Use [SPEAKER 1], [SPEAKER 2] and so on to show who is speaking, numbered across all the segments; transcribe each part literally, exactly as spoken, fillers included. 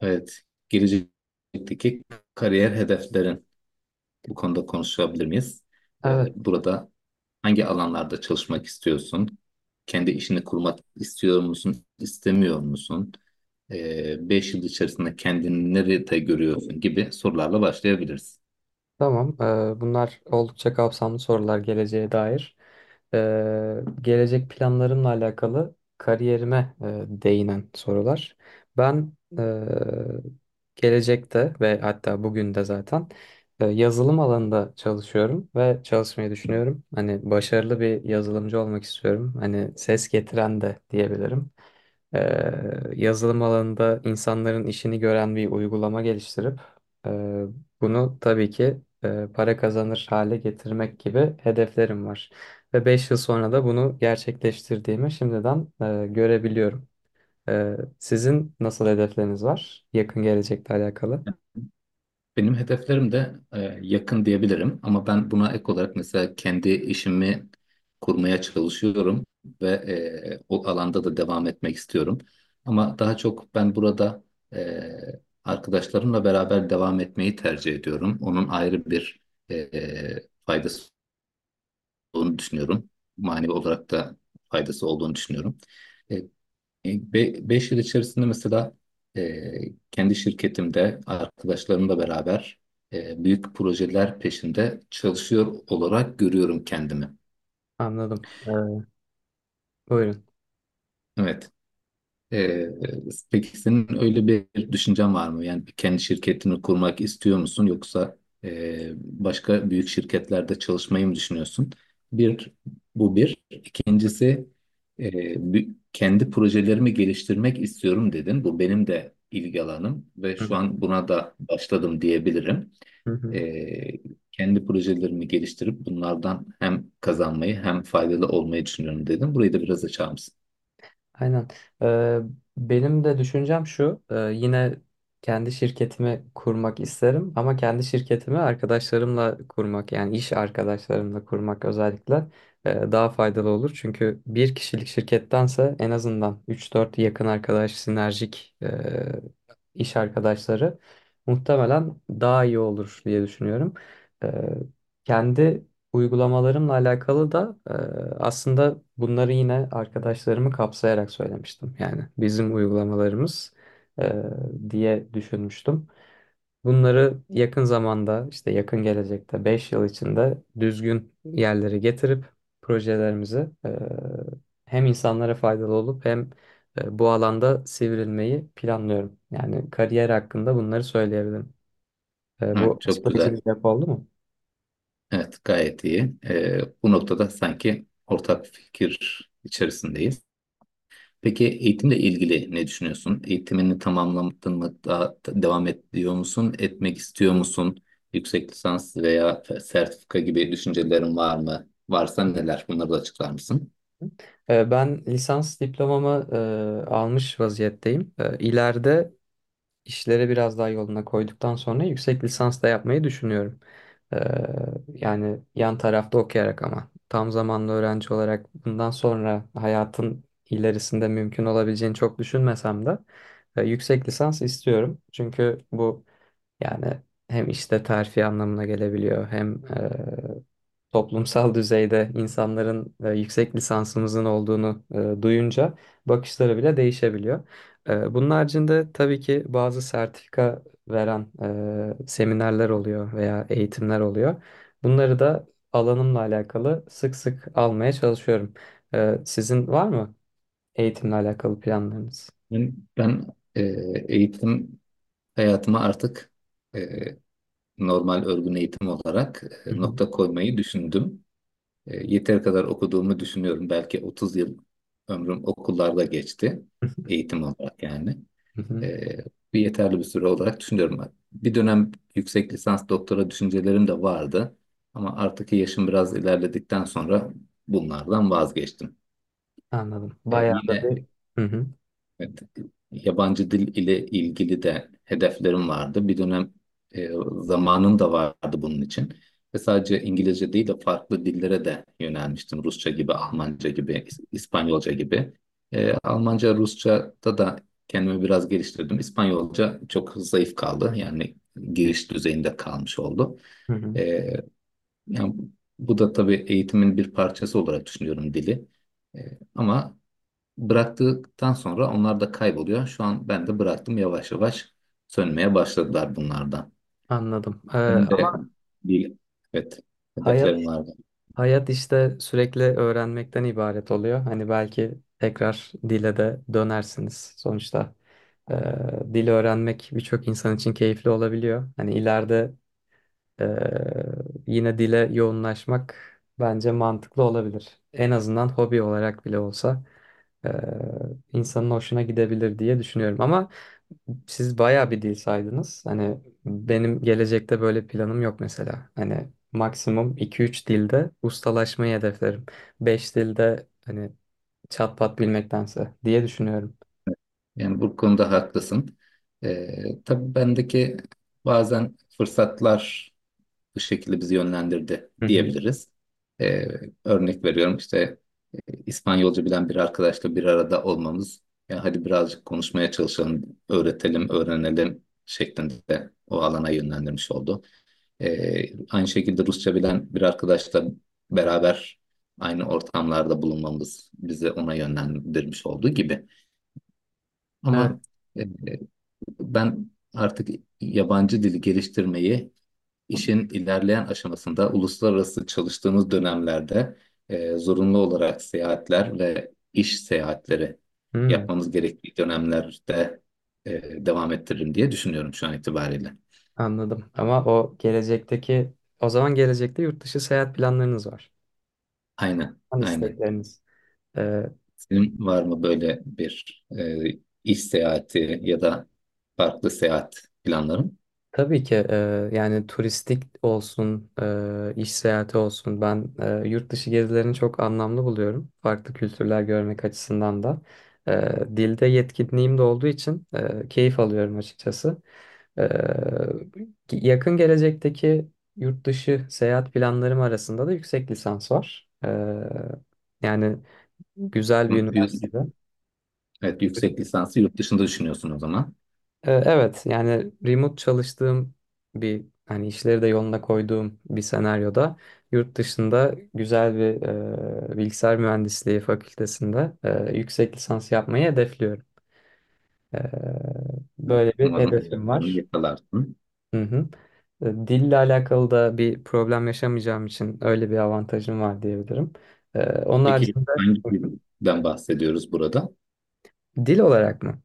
[SPEAKER 1] Evet, gelecekteki kariyer hedeflerin bu konuda konuşabilir miyiz? Ee,
[SPEAKER 2] Evet,
[SPEAKER 1] burada hangi alanlarda çalışmak istiyorsun? Kendi işini kurmak istiyor musun, istemiyor musun? Ee, beş yıl içerisinde kendini nerede görüyorsun gibi sorularla başlayabiliriz.
[SPEAKER 2] tamam. Ee, bunlar oldukça kapsamlı sorular geleceğe dair. Ee, gelecek planlarımla alakalı kariyerime e, değinen sorular. Ben e, gelecekte ve hatta bugün de zaten e, yazılım alanında çalışıyorum ve çalışmayı düşünüyorum. Hani başarılı bir yazılımcı olmak istiyorum. Hani ses getiren de diyebilirim. Ee, yazılım alanında insanların işini gören bir uygulama geliştirip e, bunu tabii ki e, para kazanır hale getirmek gibi hedeflerim var. Ve beş yıl sonra da bunu gerçekleştirdiğimi şimdiden e, görebiliyorum. Ee, sizin nasıl hedefleriniz var yakın gelecekle alakalı?
[SPEAKER 1] Benim hedeflerim de e, yakın diyebilirim ama ben buna ek olarak mesela kendi işimi kurmaya çalışıyorum ve e, o alanda da devam etmek istiyorum. Ama daha çok ben burada e, arkadaşlarımla beraber devam etmeyi tercih ediyorum. Onun ayrı bir e, faydası olduğunu düşünüyorum. Manevi olarak da faydası olduğunu düşünüyorum. E, Beş yıl içerisinde mesela e, kendi şirketimde arkadaşlarımla beraber e, büyük projeler peşinde çalışıyor olarak görüyorum kendimi.
[SPEAKER 2] Anladım. Ee, buyurun.
[SPEAKER 1] Evet. Ee, peki senin öyle bir düşüncen var mı? Yani kendi şirketini kurmak istiyor musun yoksa e, başka büyük şirketlerde çalışmayı mı düşünüyorsun? Bir, bu bir. İkincisi, e, bü- kendi projelerimi geliştirmek istiyorum dedin. Bu benim de ilgi alanım ve şu an buna da başladım diyebilirim.
[SPEAKER 2] Hı hı.
[SPEAKER 1] Ee, Kendi projelerimi geliştirip bunlardan hem kazanmayı hem faydalı olmayı düşünüyorum dedim. Burayı da biraz açar mısın?
[SPEAKER 2] Aynen. Ee, benim de düşüncem şu. e, yine kendi şirketimi kurmak isterim ama kendi şirketimi arkadaşlarımla kurmak, yani iş arkadaşlarımla kurmak özellikle e, daha faydalı olur. Çünkü bir kişilik şirkettense en azından üç dört yakın arkadaş, sinerjik e, iş arkadaşları muhtemelen daha iyi olur diye düşünüyorum. E, kendi uygulamalarımla alakalı da e, aslında bunları yine arkadaşlarımı kapsayarak söylemiştim. Yani bizim uygulamalarımız, e, diye düşünmüştüm. Bunları yakın zamanda, işte yakın gelecekte, beş yıl içinde düzgün yerlere getirip projelerimizi, e, hem insanlara faydalı olup hem e, bu alanda sivrilmeyi planlıyorum. Yani kariyer hakkında bunları söyleyebilirim. E,
[SPEAKER 1] Evet,
[SPEAKER 2] bu
[SPEAKER 1] çok
[SPEAKER 2] açıklayıcı
[SPEAKER 1] güzel.
[SPEAKER 2] bir cevap oldu mu?
[SPEAKER 1] Evet, gayet iyi. Ee, bu noktada sanki ortak fikir içerisindeyiz. Peki eğitimle ilgili ne düşünüyorsun? Eğitimini tamamladın mı? Daha t- devam ediyor musun? Etmek istiyor musun? Yüksek lisans veya f- sertifika gibi düşüncelerin var mı? Varsa neler? Bunları da açıklar mısın?
[SPEAKER 2] Ee, Ben lisans diplomamı e, almış vaziyetteyim. E, İleride işleri biraz daha yoluna koyduktan sonra yüksek lisans da yapmayı düşünüyorum. E, Yani yan tarafta okuyarak ama tam zamanlı öğrenci olarak bundan sonra hayatın ilerisinde mümkün olabileceğini çok düşünmesem de e, yüksek lisans istiyorum. Çünkü bu, yani hem işte terfi anlamına gelebiliyor hem e, toplumsal düzeyde insanların e, yüksek lisansımızın olduğunu e, duyunca bakışları bile değişebiliyor. E, bunun haricinde tabii ki bazı sertifika veren e, seminerler oluyor veya eğitimler oluyor. Bunları da alanımla alakalı sık sık almaya çalışıyorum. E, sizin var mı eğitimle alakalı planlarınız?
[SPEAKER 1] Ben, ben e, eğitim hayatıma artık e, normal örgün eğitim olarak
[SPEAKER 2] Hı
[SPEAKER 1] e,
[SPEAKER 2] hı.
[SPEAKER 1] nokta koymayı düşündüm. E, Yeteri kadar okuduğumu düşünüyorum. Belki otuz yıl ömrüm okullarda geçti. Eğitim olarak yani.
[SPEAKER 2] Hı hı.
[SPEAKER 1] E, Bir yeterli bir süre olarak düşünüyorum. Bir dönem yüksek lisans doktora düşüncelerim de vardı. Ama artık yaşım biraz ilerledikten sonra bunlardan vazgeçtim.
[SPEAKER 2] Anladım.
[SPEAKER 1] E,
[SPEAKER 2] Bayağı da
[SPEAKER 1] yine
[SPEAKER 2] bir... Hı hı.
[SPEAKER 1] Evet, yabancı dil ile ilgili de hedeflerim vardı. Bir dönem e, zamanım da vardı bunun için. Ve sadece İngilizce değil de farklı dillere de yönelmiştim. Rusça gibi, Almanca gibi, İs- İspanyolca gibi. E, Almanca, Rusça'da da kendimi biraz geliştirdim. İspanyolca çok zayıf kaldı. Yani giriş düzeyinde kalmış oldu.
[SPEAKER 2] Hı hı.
[SPEAKER 1] E, Yani bu da tabii eğitimin bir parçası olarak düşünüyorum dili. E, ama Bıraktıktan sonra onlar da kayboluyor. Şu an ben de bıraktım, yavaş yavaş sönmeye başladılar bunlardan.
[SPEAKER 2] Anladım. Ee,
[SPEAKER 1] Benim de
[SPEAKER 2] ama
[SPEAKER 1] bir, evet,
[SPEAKER 2] hayat
[SPEAKER 1] hedeflerim vardı.
[SPEAKER 2] hayat işte sürekli öğrenmekten ibaret oluyor. Hani belki tekrar dile de dönersiniz. Sonuçta e, dil öğrenmek birçok insan için keyifli olabiliyor. Hani ileride, Ee, yine dile yoğunlaşmak bence mantıklı olabilir. En azından hobi olarak bile olsa e, insanın hoşuna gidebilir diye düşünüyorum. Ama siz bayağı bir dil saydınız. Hani benim gelecekte böyle planım yok mesela. Hani maksimum iki üç dilde ustalaşmayı hedeflerim. Beş dilde, hani, çat pat bilmektense, diye düşünüyorum.
[SPEAKER 1] Yani bu konuda haklısın. Ee, tabii bendeki bazen fırsatlar bu şekilde bizi yönlendirdi
[SPEAKER 2] Hı hı.
[SPEAKER 1] diyebiliriz. Ee, Örnek veriyorum işte, e, İspanyolca bilen bir arkadaşla bir arada olmamız. Ya hadi birazcık konuşmaya çalışalım, öğretelim, öğrenelim şeklinde o alana yönlendirmiş oldu. Ee, aynı şekilde Rusça bilen bir arkadaşla beraber aynı ortamlarda bulunmamız bizi ona yönlendirmiş olduğu gibi.
[SPEAKER 2] Evet.
[SPEAKER 1] Ama e, Ben artık yabancı dili geliştirmeyi işin ilerleyen aşamasında uluslararası çalıştığımız dönemlerde e, zorunlu olarak seyahatler ve iş seyahatleri
[SPEAKER 2] Hmm,
[SPEAKER 1] yapmamız gerektiği dönemlerde e, devam ettiririm diye düşünüyorum şu an itibariyle.
[SPEAKER 2] anladım. Ama o gelecekteki, o zaman gelecekte yurt dışı seyahat planlarınız var.
[SPEAKER 1] Aynen,
[SPEAKER 2] An
[SPEAKER 1] aynen.
[SPEAKER 2] istekleriniz. Ee,
[SPEAKER 1] Senin var mı böyle bir e, iş seyahati ya da farklı seyahat planların?
[SPEAKER 2] tabii ki e, yani turistik olsun, e, iş seyahati olsun. Ben e, yurt dışı gezilerini çok anlamlı buluyorum. Farklı kültürler görmek açısından da. E, dilde yetkinliğim de olduğu için e, keyif alıyorum açıkçası. E, yakın gelecekteki yurt dışı seyahat planlarım arasında da yüksek lisans var. E, yani güzel bir
[SPEAKER 1] yü-
[SPEAKER 2] üniversitede.
[SPEAKER 1] Evet, yüksek lisansı yurt dışında düşünüyorsun o zaman.
[SPEAKER 2] Ee, Evet, yani remote çalıştığım, bir hani işleri de yoluna koyduğum bir senaryoda, yurt dışında güzel bir e, bilgisayar mühendisliği fakültesinde e, yüksek lisans yapmayı hedefliyorum. Ee,
[SPEAKER 1] Evet,
[SPEAKER 2] böyle bir
[SPEAKER 1] umarım
[SPEAKER 2] hedefim
[SPEAKER 1] hedeflerini
[SPEAKER 2] var.
[SPEAKER 1] yakalarsın.
[SPEAKER 2] Hı hı. E, dille alakalı da bir problem yaşamayacağım için öyle bir avantajım var diyebilirim. Ee, onun
[SPEAKER 1] Peki
[SPEAKER 2] haricinde
[SPEAKER 1] hangi dilden bahsediyoruz burada?
[SPEAKER 2] dil olarak mı?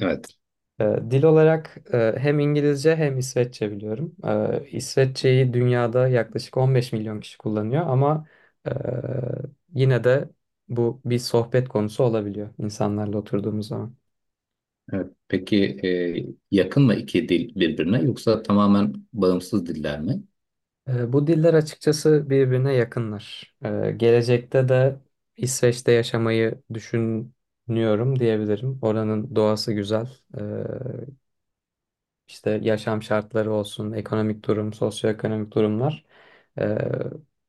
[SPEAKER 1] Evet.
[SPEAKER 2] Ee, Dil olarak e, hem İngilizce hem İsveççe biliyorum. Ee, İsveççeyi dünyada yaklaşık on beş milyon kişi kullanıyor ama e, yine de bu bir sohbet konusu olabiliyor insanlarla oturduğumuz zaman.
[SPEAKER 1] Evet. Peki e, yakın mı iki dil birbirine yoksa tamamen bağımsız diller mi?
[SPEAKER 2] Ee, Bu diller açıkçası birbirine yakınlar. Ee, Gelecekte de İsveç'te yaşamayı düşünüyorum diyebilirim. Oranın doğası güzel. Ee, İşte yaşam şartları olsun, ekonomik durum, sosyoekonomik durumlar. Ee,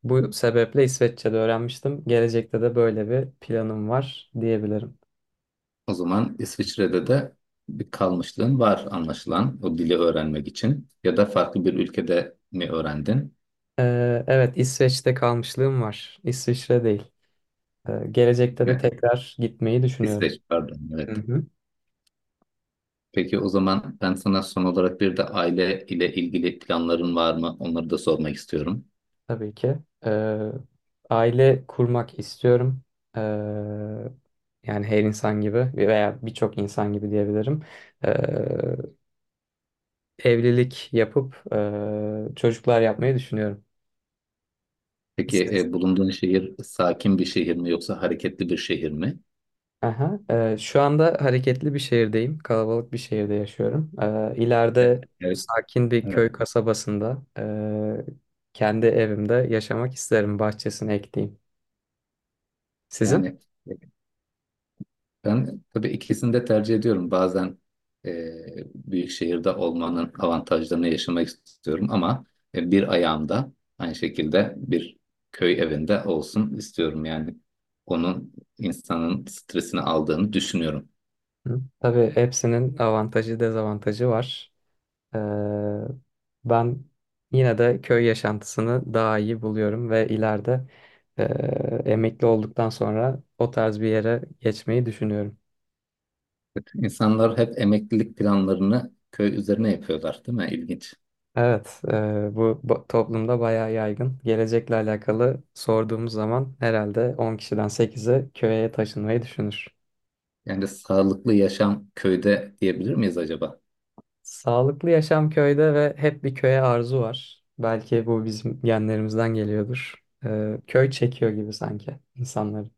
[SPEAKER 2] bu sebeple İsveççe'de öğrenmiştim. Gelecekte de böyle bir planım var diyebilirim.
[SPEAKER 1] O zaman İsviçre'de de bir kalmışlığın var anlaşılan o dili öğrenmek için ya da farklı bir ülkede mi öğrendin?
[SPEAKER 2] Ee, evet, İsveç'te kalmışlığım var. İsviçre değil. Ee, gelecekte de tekrar gitmeyi düşünüyorum.
[SPEAKER 1] İsveç, pardon,
[SPEAKER 2] Hı
[SPEAKER 1] evet.
[SPEAKER 2] hı.
[SPEAKER 1] Peki o zaman ben sana son olarak bir de aile ile ilgili planların var mı? Onları da sormak istiyorum.
[SPEAKER 2] Tabii ki. Ee, aile kurmak istiyorum. Ee, yani her insan gibi veya birçok insan gibi diyebilirim. Ee, evlilik yapıp e, çocuklar yapmayı düşünüyorum.
[SPEAKER 1] Peki
[SPEAKER 2] Siz?
[SPEAKER 1] e, bulunduğun şehir sakin bir şehir mi yoksa hareketli bir şehir mi?
[SPEAKER 2] Aha. E, şu anda hareketli bir şehirdeyim. Kalabalık bir şehirde yaşıyorum. E,
[SPEAKER 1] E,
[SPEAKER 2] ileride
[SPEAKER 1] Evet,
[SPEAKER 2] sakin bir
[SPEAKER 1] evet.
[SPEAKER 2] köy kasabasında e, kendi evimde yaşamak isterim. Bahçesini ekleyeyim. Sizin?
[SPEAKER 1] Yani e, ben tabii ikisini de tercih ediyorum. Bazen e, büyük şehirde olmanın avantajlarını yaşamak istiyorum ama e, bir ayağımda aynı şekilde bir köy evinde olsun istiyorum. Yani onun insanın stresini aldığını düşünüyorum.
[SPEAKER 2] Hı. Tabii hepsinin avantajı dezavantajı var. Ee, ben yine de köy yaşantısını daha iyi buluyorum ve ileride e, emekli olduktan sonra o tarz bir yere geçmeyi düşünüyorum.
[SPEAKER 1] İnsanlar hep emeklilik planlarını köy üzerine yapıyorlar, değil mi? İlginç.
[SPEAKER 2] Evet, e, bu ba- toplumda bayağı yaygın. Gelecekle alakalı sorduğumuz zaman herhalde on kişiden sekizi köye taşınmayı düşünür.
[SPEAKER 1] Yani sağlıklı yaşam köyde diyebilir miyiz acaba?
[SPEAKER 2] Sağlıklı yaşam köyde ve hep bir köye arzu var. Belki bu bizim genlerimizden geliyordur. Ee, köy çekiyor gibi sanki insanları.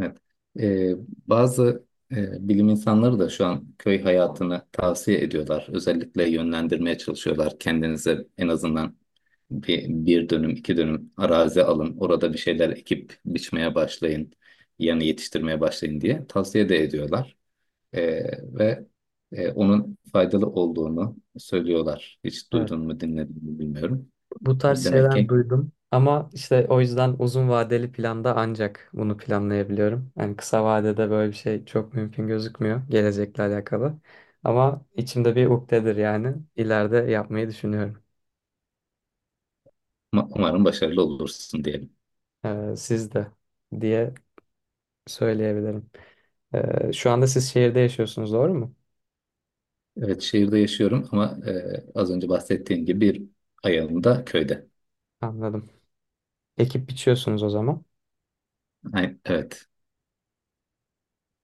[SPEAKER 1] Evet. Ee, Bazı e, bilim insanları da şu an köy hayatını tavsiye ediyorlar. Özellikle yönlendirmeye çalışıyorlar. Kendinize en azından bir, bir dönüm, iki dönüm arazi alın. Orada bir şeyler ekip biçmeye başlayın. Yani yetiştirmeye başlayın diye tavsiye de ediyorlar. Ee, ve e, Onun faydalı olduğunu söylüyorlar. Hiç
[SPEAKER 2] Evet.
[SPEAKER 1] duydun mu, dinledin mi, bilmiyorum.
[SPEAKER 2] Bu
[SPEAKER 1] E,
[SPEAKER 2] tarz
[SPEAKER 1] Demek
[SPEAKER 2] şeyler
[SPEAKER 1] ki
[SPEAKER 2] duydum. Ama işte o yüzden uzun vadeli planda ancak bunu planlayabiliyorum. Yani kısa vadede böyle bir şey çok mümkün gözükmüyor gelecekle alakalı. Ama içimde bir ukdedir yani. İleride yapmayı düşünüyorum.
[SPEAKER 1] ma- Umarım başarılı olursun diyelim.
[SPEAKER 2] Ee, siz de, diye söyleyebilirim. Ee, şu anda siz şehirde yaşıyorsunuz, doğru mu?
[SPEAKER 1] Evet, şehirde yaşıyorum ama e, az önce bahsettiğim gibi bir ayağım da köyde.
[SPEAKER 2] Anladım. Ekip biçiyorsunuz o zaman.
[SPEAKER 1] Ay- evet,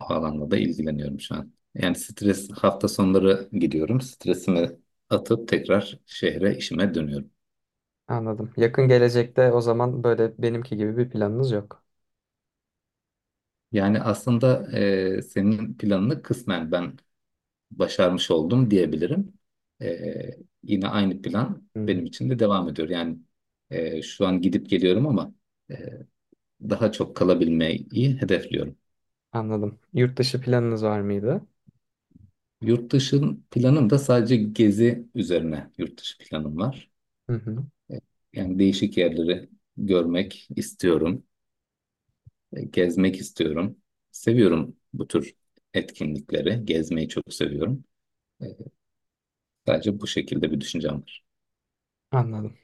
[SPEAKER 1] o alanla da ilgileniyorum şu an. Yani stres, hafta sonları gidiyorum. Stresimi atıp tekrar şehre işime dönüyorum.
[SPEAKER 2] Anladım. Yakın gelecekte o zaman böyle benimki gibi bir planınız yok.
[SPEAKER 1] Yani aslında e, senin planını kısmen ben başarmış oldum diyebilirim. Ee, Yine aynı plan
[SPEAKER 2] Hmm,
[SPEAKER 1] benim için de devam ediyor. Yani e, şu an gidip geliyorum ama e, daha çok kalabilmeyi hedefliyorum.
[SPEAKER 2] anladım. Yurt dışı planınız var mıydı?
[SPEAKER 1] Yurt dışın planım da sadece gezi üzerine yurt dışı planım var.
[SPEAKER 2] Hı hı,
[SPEAKER 1] E, Yani değişik yerleri görmek istiyorum, e, gezmek istiyorum. Seviyorum bu tür etkinlikleri, gezmeyi çok seviyorum. E, Sadece bu şekilde bir düşüncem var.
[SPEAKER 2] anladım.